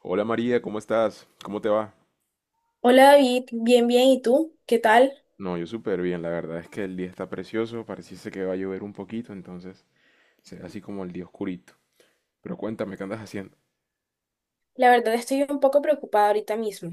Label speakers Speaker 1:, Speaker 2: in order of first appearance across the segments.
Speaker 1: Hola María, ¿cómo estás? ¿Cómo te va?
Speaker 2: Hola David, bien, bien, ¿y tú? ¿Qué tal?
Speaker 1: No, yo súper bien, la verdad es que el día está precioso, pareciese que va a llover un poquito, entonces será así como el día oscurito. Pero cuéntame, ¿qué andas haciendo?
Speaker 2: La verdad estoy un poco preocupada ahorita mismo.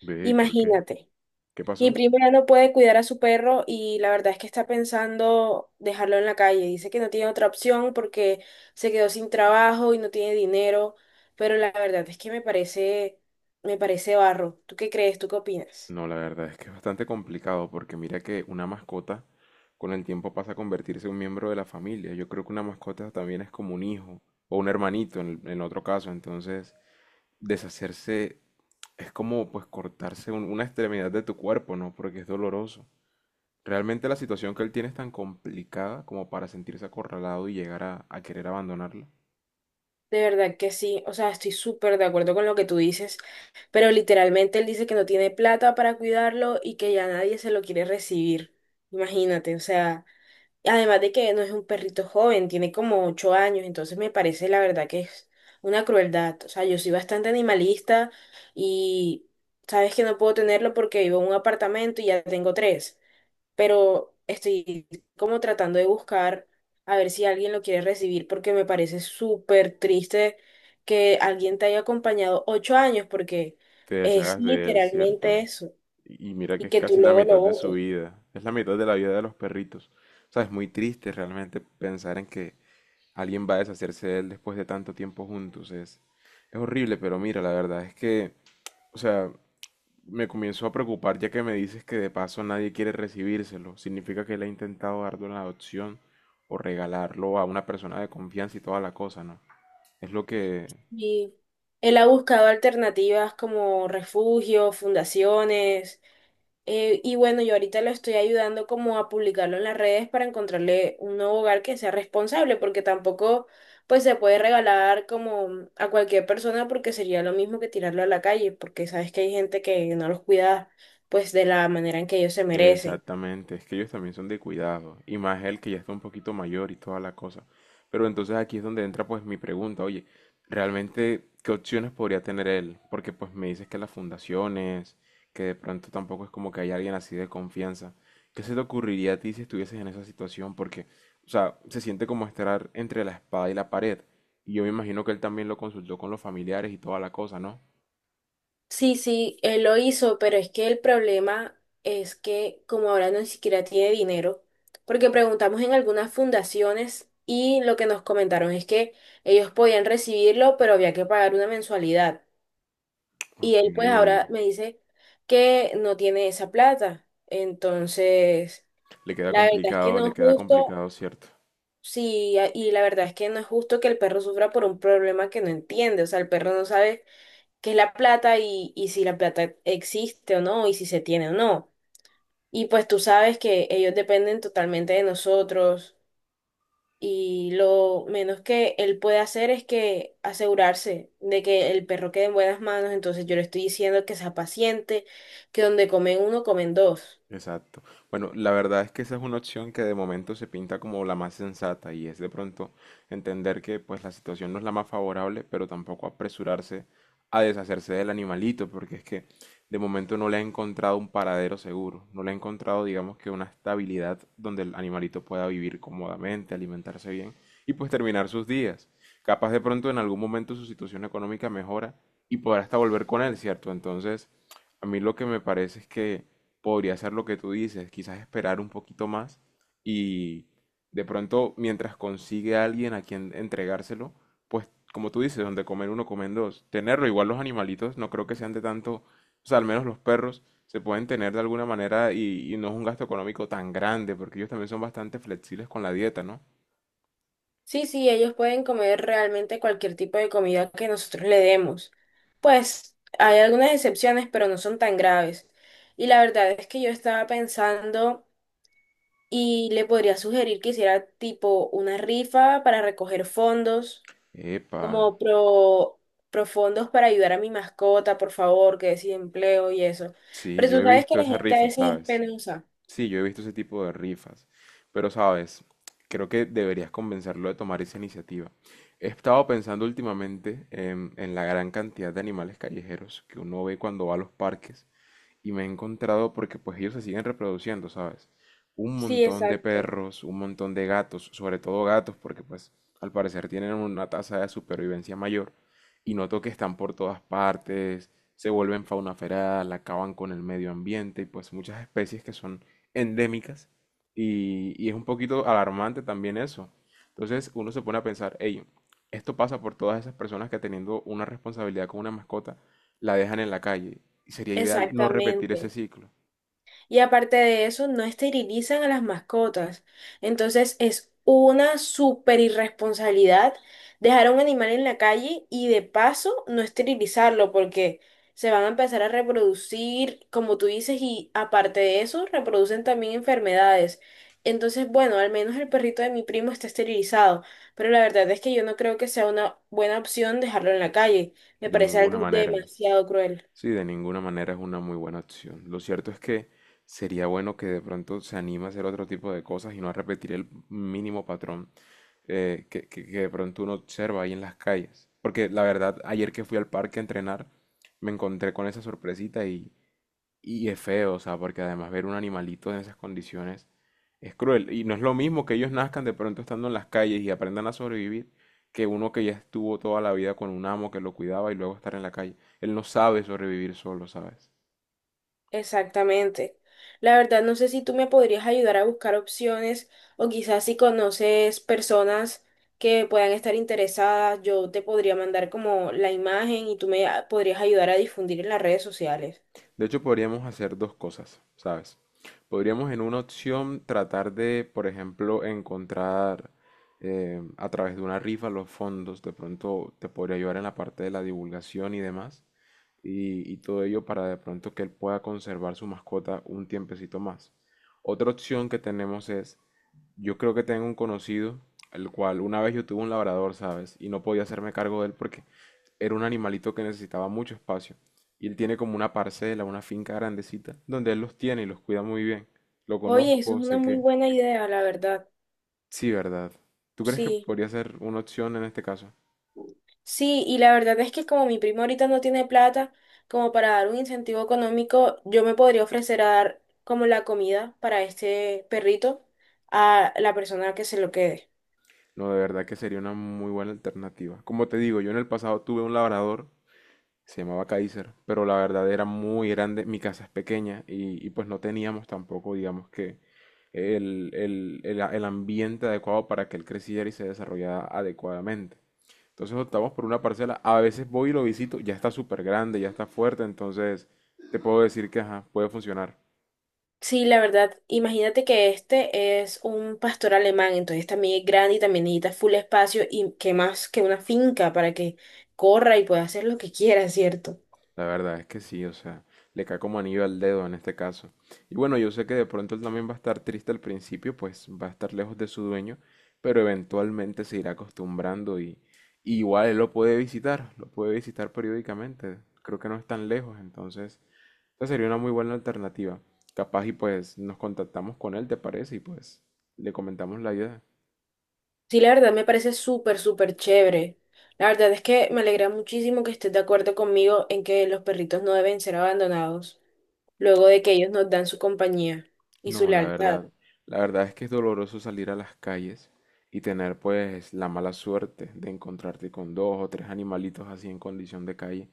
Speaker 1: Ve, ¿y por qué?
Speaker 2: Imagínate,
Speaker 1: ¿Qué
Speaker 2: mi
Speaker 1: pasó?
Speaker 2: prima ya no puede cuidar a su perro y la verdad es que está pensando dejarlo en la calle. Dice que no tiene otra opción porque se quedó sin trabajo y no tiene dinero, pero la verdad es que me parece barro. ¿Tú qué crees? ¿Tú qué opinas?
Speaker 1: No, la verdad es que es bastante complicado porque mira que una mascota con el tiempo pasa a convertirse en un miembro de la familia. Yo creo que una mascota también es como un hijo o un hermanito en otro caso, entonces deshacerse es como pues cortarse una extremidad de tu cuerpo, ¿no? Porque es doloroso. Realmente la situación que él tiene es tan complicada como para sentirse acorralado y llegar a querer abandonarla.
Speaker 2: De verdad que sí, o sea, estoy súper de acuerdo con lo que tú dices, pero literalmente él dice que no tiene plata para cuidarlo y que ya nadie se lo quiere recibir. Imagínate, o sea, además de que no es un perrito joven, tiene como 8 años, entonces me parece la verdad que es una crueldad. O sea, yo soy bastante animalista y sabes que no puedo tenerlo porque vivo en un apartamento y ya tengo tres, pero estoy como tratando de buscar a ver si alguien lo quiere recibir porque me parece súper triste que alguien te haya acompañado 8 años porque
Speaker 1: Te
Speaker 2: es
Speaker 1: deshagas de él, ¿cierto?
Speaker 2: literalmente eso
Speaker 1: Y mira que
Speaker 2: y
Speaker 1: es
Speaker 2: que tú
Speaker 1: casi la
Speaker 2: luego lo
Speaker 1: mitad de su
Speaker 2: votes.
Speaker 1: vida. Es la mitad de la vida de los perritos. O sea, es muy triste realmente pensar en que alguien va a deshacerse de él después de tanto tiempo juntos. Es horrible, pero mira, la verdad es que, o sea, me comienzo a preocupar ya que me dices que de paso nadie quiere recibírselo. Significa que él ha intentado darlo en adopción o regalarlo a una persona de confianza y toda la cosa, ¿no? Es lo que...
Speaker 2: Y él ha buscado alternativas como refugios, fundaciones. Y bueno, yo ahorita lo estoy ayudando como a publicarlo en las redes para encontrarle un nuevo hogar que sea responsable, porque tampoco pues se puede regalar como a cualquier persona porque sería lo mismo que tirarlo a la calle, porque sabes que hay gente que no los cuida pues de la manera en que ellos se merecen.
Speaker 1: Exactamente, es que ellos también son de cuidado, y más él que ya está un poquito mayor y toda la cosa. Pero entonces aquí es donde entra pues mi pregunta, oye, ¿realmente qué opciones podría tener él? Porque pues me dices que las fundaciones, que de pronto tampoco es como que haya alguien así de confianza. ¿Qué se te ocurriría a ti si estuvieses en esa situación? Porque, o sea, se siente como estar entre la espada y la pared, y yo me imagino que él también lo consultó con los familiares y toda la cosa, ¿no?
Speaker 2: Sí, sí, él lo hizo, pero es que el problema es que como ahora no ni siquiera tiene dinero, porque preguntamos en algunas fundaciones y lo que nos comentaron es que ellos podían recibirlo, pero había que pagar una mensualidad. Y
Speaker 1: Ok,
Speaker 2: él pues ahora me dice que no tiene esa plata. Entonces, la verdad es que no
Speaker 1: le
Speaker 2: es
Speaker 1: queda
Speaker 2: justo,
Speaker 1: complicado, ¿cierto?
Speaker 2: sí, y la verdad es que no es justo que el perro sufra por un problema que no entiende, o sea, el perro no sabe qué es la plata y si la plata existe o no y si se tiene o no. Y pues tú sabes que ellos dependen totalmente de nosotros y lo menos que él puede hacer es que asegurarse de que el perro quede en buenas manos. Entonces yo le estoy diciendo que sea paciente, que donde comen uno, comen dos.
Speaker 1: Exacto. Bueno, la verdad es que esa es una opción que de momento se pinta como la más sensata y es de pronto entender que pues la situación no es la más favorable, pero tampoco apresurarse a deshacerse del animalito, porque es que de momento no le ha encontrado un paradero seguro, no le ha encontrado digamos que una estabilidad donde el animalito pueda vivir cómodamente, alimentarse bien y pues terminar sus días. Capaz de pronto en algún momento su situación económica mejora y podrá hasta volver con él, ¿cierto? Entonces, a mí lo que me parece es que podría ser lo que tú dices, quizás esperar un poquito más y de pronto mientras consigue a alguien a quien entregárselo, pues como tú dices, donde comer uno, comen dos. Tenerlo, igual los animalitos, no creo que sean de tanto, o sea, al menos los perros se pueden tener de alguna manera y no es un gasto económico tan grande, porque ellos también son bastante flexibles con la dieta, ¿no?
Speaker 2: Sí, sí, ellos pueden comer realmente cualquier tipo de comida que nosotros le demos. Pues hay algunas excepciones, pero no son tan graves. Y la verdad es que yo estaba pensando y le podría sugerir que hiciera tipo una rifa para recoger fondos,
Speaker 1: Epa,
Speaker 2: como pro, pro fondos para ayudar a mi mascota, por favor, que es empleo y eso.
Speaker 1: sí,
Speaker 2: Pero
Speaker 1: yo
Speaker 2: tú
Speaker 1: he
Speaker 2: sabes que
Speaker 1: visto
Speaker 2: la
Speaker 1: esas
Speaker 2: gente a
Speaker 1: rifas,
Speaker 2: veces es
Speaker 1: ¿sabes?
Speaker 2: penosa.
Speaker 1: Sí, yo he visto ese tipo de rifas, pero sabes, creo que deberías convencerlo de tomar esa iniciativa. He estado pensando últimamente en la gran cantidad de animales callejeros que uno ve cuando va a los parques y me he encontrado porque pues ellos se siguen reproduciendo, ¿sabes? Un
Speaker 2: Sí,
Speaker 1: montón de
Speaker 2: exacto.
Speaker 1: perros, un montón de gatos, sobre todo gatos, porque pues al parecer tienen una tasa de supervivencia mayor y noto que están por todas partes, se vuelven fauna feral, acaban con el medio ambiente y pues muchas especies que son endémicas y es un poquito alarmante también eso. Entonces uno se pone a pensar, hey, esto pasa por todas esas personas que teniendo una responsabilidad con una mascota, la dejan en la calle y sería ideal no repetir ese
Speaker 2: Exactamente.
Speaker 1: ciclo.
Speaker 2: Y aparte de eso, no esterilizan a las mascotas. Entonces es una súper irresponsabilidad dejar a un animal en la calle y de paso no esterilizarlo porque se van a empezar a reproducir, como tú dices, y aparte de eso, reproducen también enfermedades. Entonces, bueno, al menos el perrito de mi primo está esterilizado, pero la verdad es que yo no creo que sea una buena opción dejarlo en la calle. Me
Speaker 1: De
Speaker 2: parece
Speaker 1: ninguna
Speaker 2: algo
Speaker 1: manera.
Speaker 2: demasiado cruel.
Speaker 1: Sí, de ninguna manera es una muy buena opción. Lo cierto es que sería bueno que de pronto se anime a hacer otro tipo de cosas y no a repetir el mínimo patrón que de pronto uno observa ahí en las calles. Porque la verdad, ayer que fui al parque a entrenar, me encontré con esa sorpresita y... Y es feo, o sea, porque además ver un animalito en esas condiciones es cruel. Y no es lo mismo que ellos nazcan de pronto estando en las calles y aprendan a sobrevivir que uno que ya estuvo toda la vida con un amo que lo cuidaba y luego estar en la calle. Él no sabe sobrevivir solo, ¿sabes?
Speaker 2: Exactamente. La verdad, no sé si tú me podrías ayudar a buscar opciones o quizás si conoces personas que puedan estar interesadas, yo te podría mandar como la imagen y podrías ayudar a difundir en las redes sociales.
Speaker 1: De hecho, podríamos hacer dos cosas, ¿sabes? Podríamos en una opción tratar de, por ejemplo, encontrar a través de una rifa los fondos. De pronto te podría ayudar en la parte de la divulgación y demás. Y y todo ello para de pronto que él pueda conservar su mascota un tiempecito más. Otra opción que tenemos es, yo creo que tengo un conocido, el cual una vez yo tuve un labrador, ¿sabes? Y no podía hacerme cargo de él porque era un animalito que necesitaba mucho espacio. Y él tiene como una parcela, una finca grandecita, donde él los tiene y los cuida muy bien. Lo
Speaker 2: Oye, eso es
Speaker 1: conozco,
Speaker 2: una
Speaker 1: sé
Speaker 2: muy
Speaker 1: que...
Speaker 2: buena idea, la verdad.
Speaker 1: Sí, ¿verdad? ¿Tú crees que
Speaker 2: Sí.
Speaker 1: podría ser una opción en este caso?
Speaker 2: Sí, y la verdad es que como mi primo ahorita no tiene plata, como para dar un incentivo económico, yo me podría ofrecer a dar como la comida para este perrito a la persona que se lo quede.
Speaker 1: No, de verdad que sería una muy buena alternativa. Como te digo, yo en el pasado tuve un labrador. Se llamaba Kaiser, pero la verdad era muy grande, mi casa es pequeña y pues no teníamos tampoco, digamos que, el el ambiente adecuado para que él creciera y se desarrollara adecuadamente. Entonces optamos por una parcela, a veces voy y lo visito, ya está súper grande, ya está fuerte, entonces te puedo decir que ajá, puede funcionar.
Speaker 2: Sí, la verdad, imagínate que este es un pastor alemán, entonces también es grande y también necesita full espacio y que más que una finca para que corra y pueda hacer lo que quiera, ¿cierto?
Speaker 1: La verdad es que sí, o sea, le cae como anillo al dedo en este caso. Y bueno, yo sé que de pronto él también va a estar triste al principio, pues va a estar lejos de su dueño, pero eventualmente se irá acostumbrando y igual él lo puede visitar periódicamente. Creo que no es tan lejos, entonces esa sería una muy buena alternativa. Capaz y pues nos contactamos con él, ¿te parece? Y pues le comentamos la idea.
Speaker 2: Sí, la verdad me parece súper, súper chévere. La verdad es que me alegra muchísimo que estés de acuerdo conmigo en que los perritos no deben ser abandonados luego de que ellos nos dan su compañía y su
Speaker 1: No,
Speaker 2: lealtad.
Speaker 1: la verdad es que es doloroso salir a las calles y tener pues la mala suerte de encontrarte con dos o tres animalitos así en condición de calle,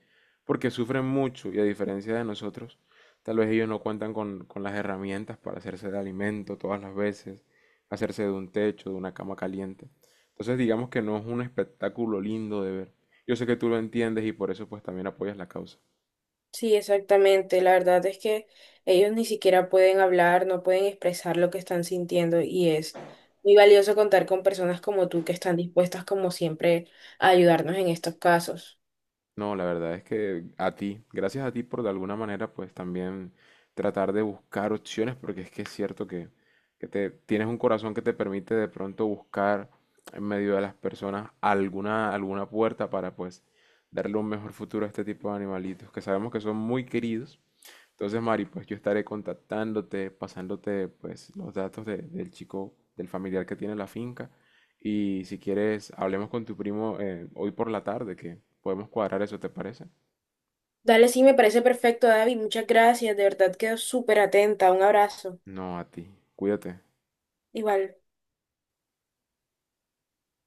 Speaker 1: porque sufren mucho y a diferencia de nosotros, tal vez ellos no cuentan con las herramientas para hacerse de alimento todas las veces, hacerse de un techo, de una cama caliente. Entonces digamos que no es un espectáculo lindo de ver. Yo sé que tú lo entiendes y por eso pues también apoyas la causa.
Speaker 2: Sí, exactamente. La verdad es que ellos ni siquiera pueden hablar, no pueden expresar lo que están sintiendo y es muy valioso contar con personas como tú que están dispuestas como siempre a ayudarnos en estos casos.
Speaker 1: No, la verdad es que a ti, gracias a ti por de alguna manera pues también tratar de buscar opciones, porque es que es cierto que te, tienes un corazón que te permite de pronto buscar en medio de las personas alguna, alguna puerta para pues darle un mejor futuro a este tipo de animalitos, que sabemos que son muy queridos entonces, Mari, pues yo estaré contactándote, pasándote pues los datos del chico, del familiar que tiene la finca. Y si quieres, hablemos con tu primo hoy por la tarde, que podemos cuadrar eso, ¿te parece?
Speaker 2: Dale, sí, me parece perfecto, David. Muchas gracias. De verdad quedo súper atenta. Un abrazo.
Speaker 1: No, a ti. Cuídate.
Speaker 2: Igual.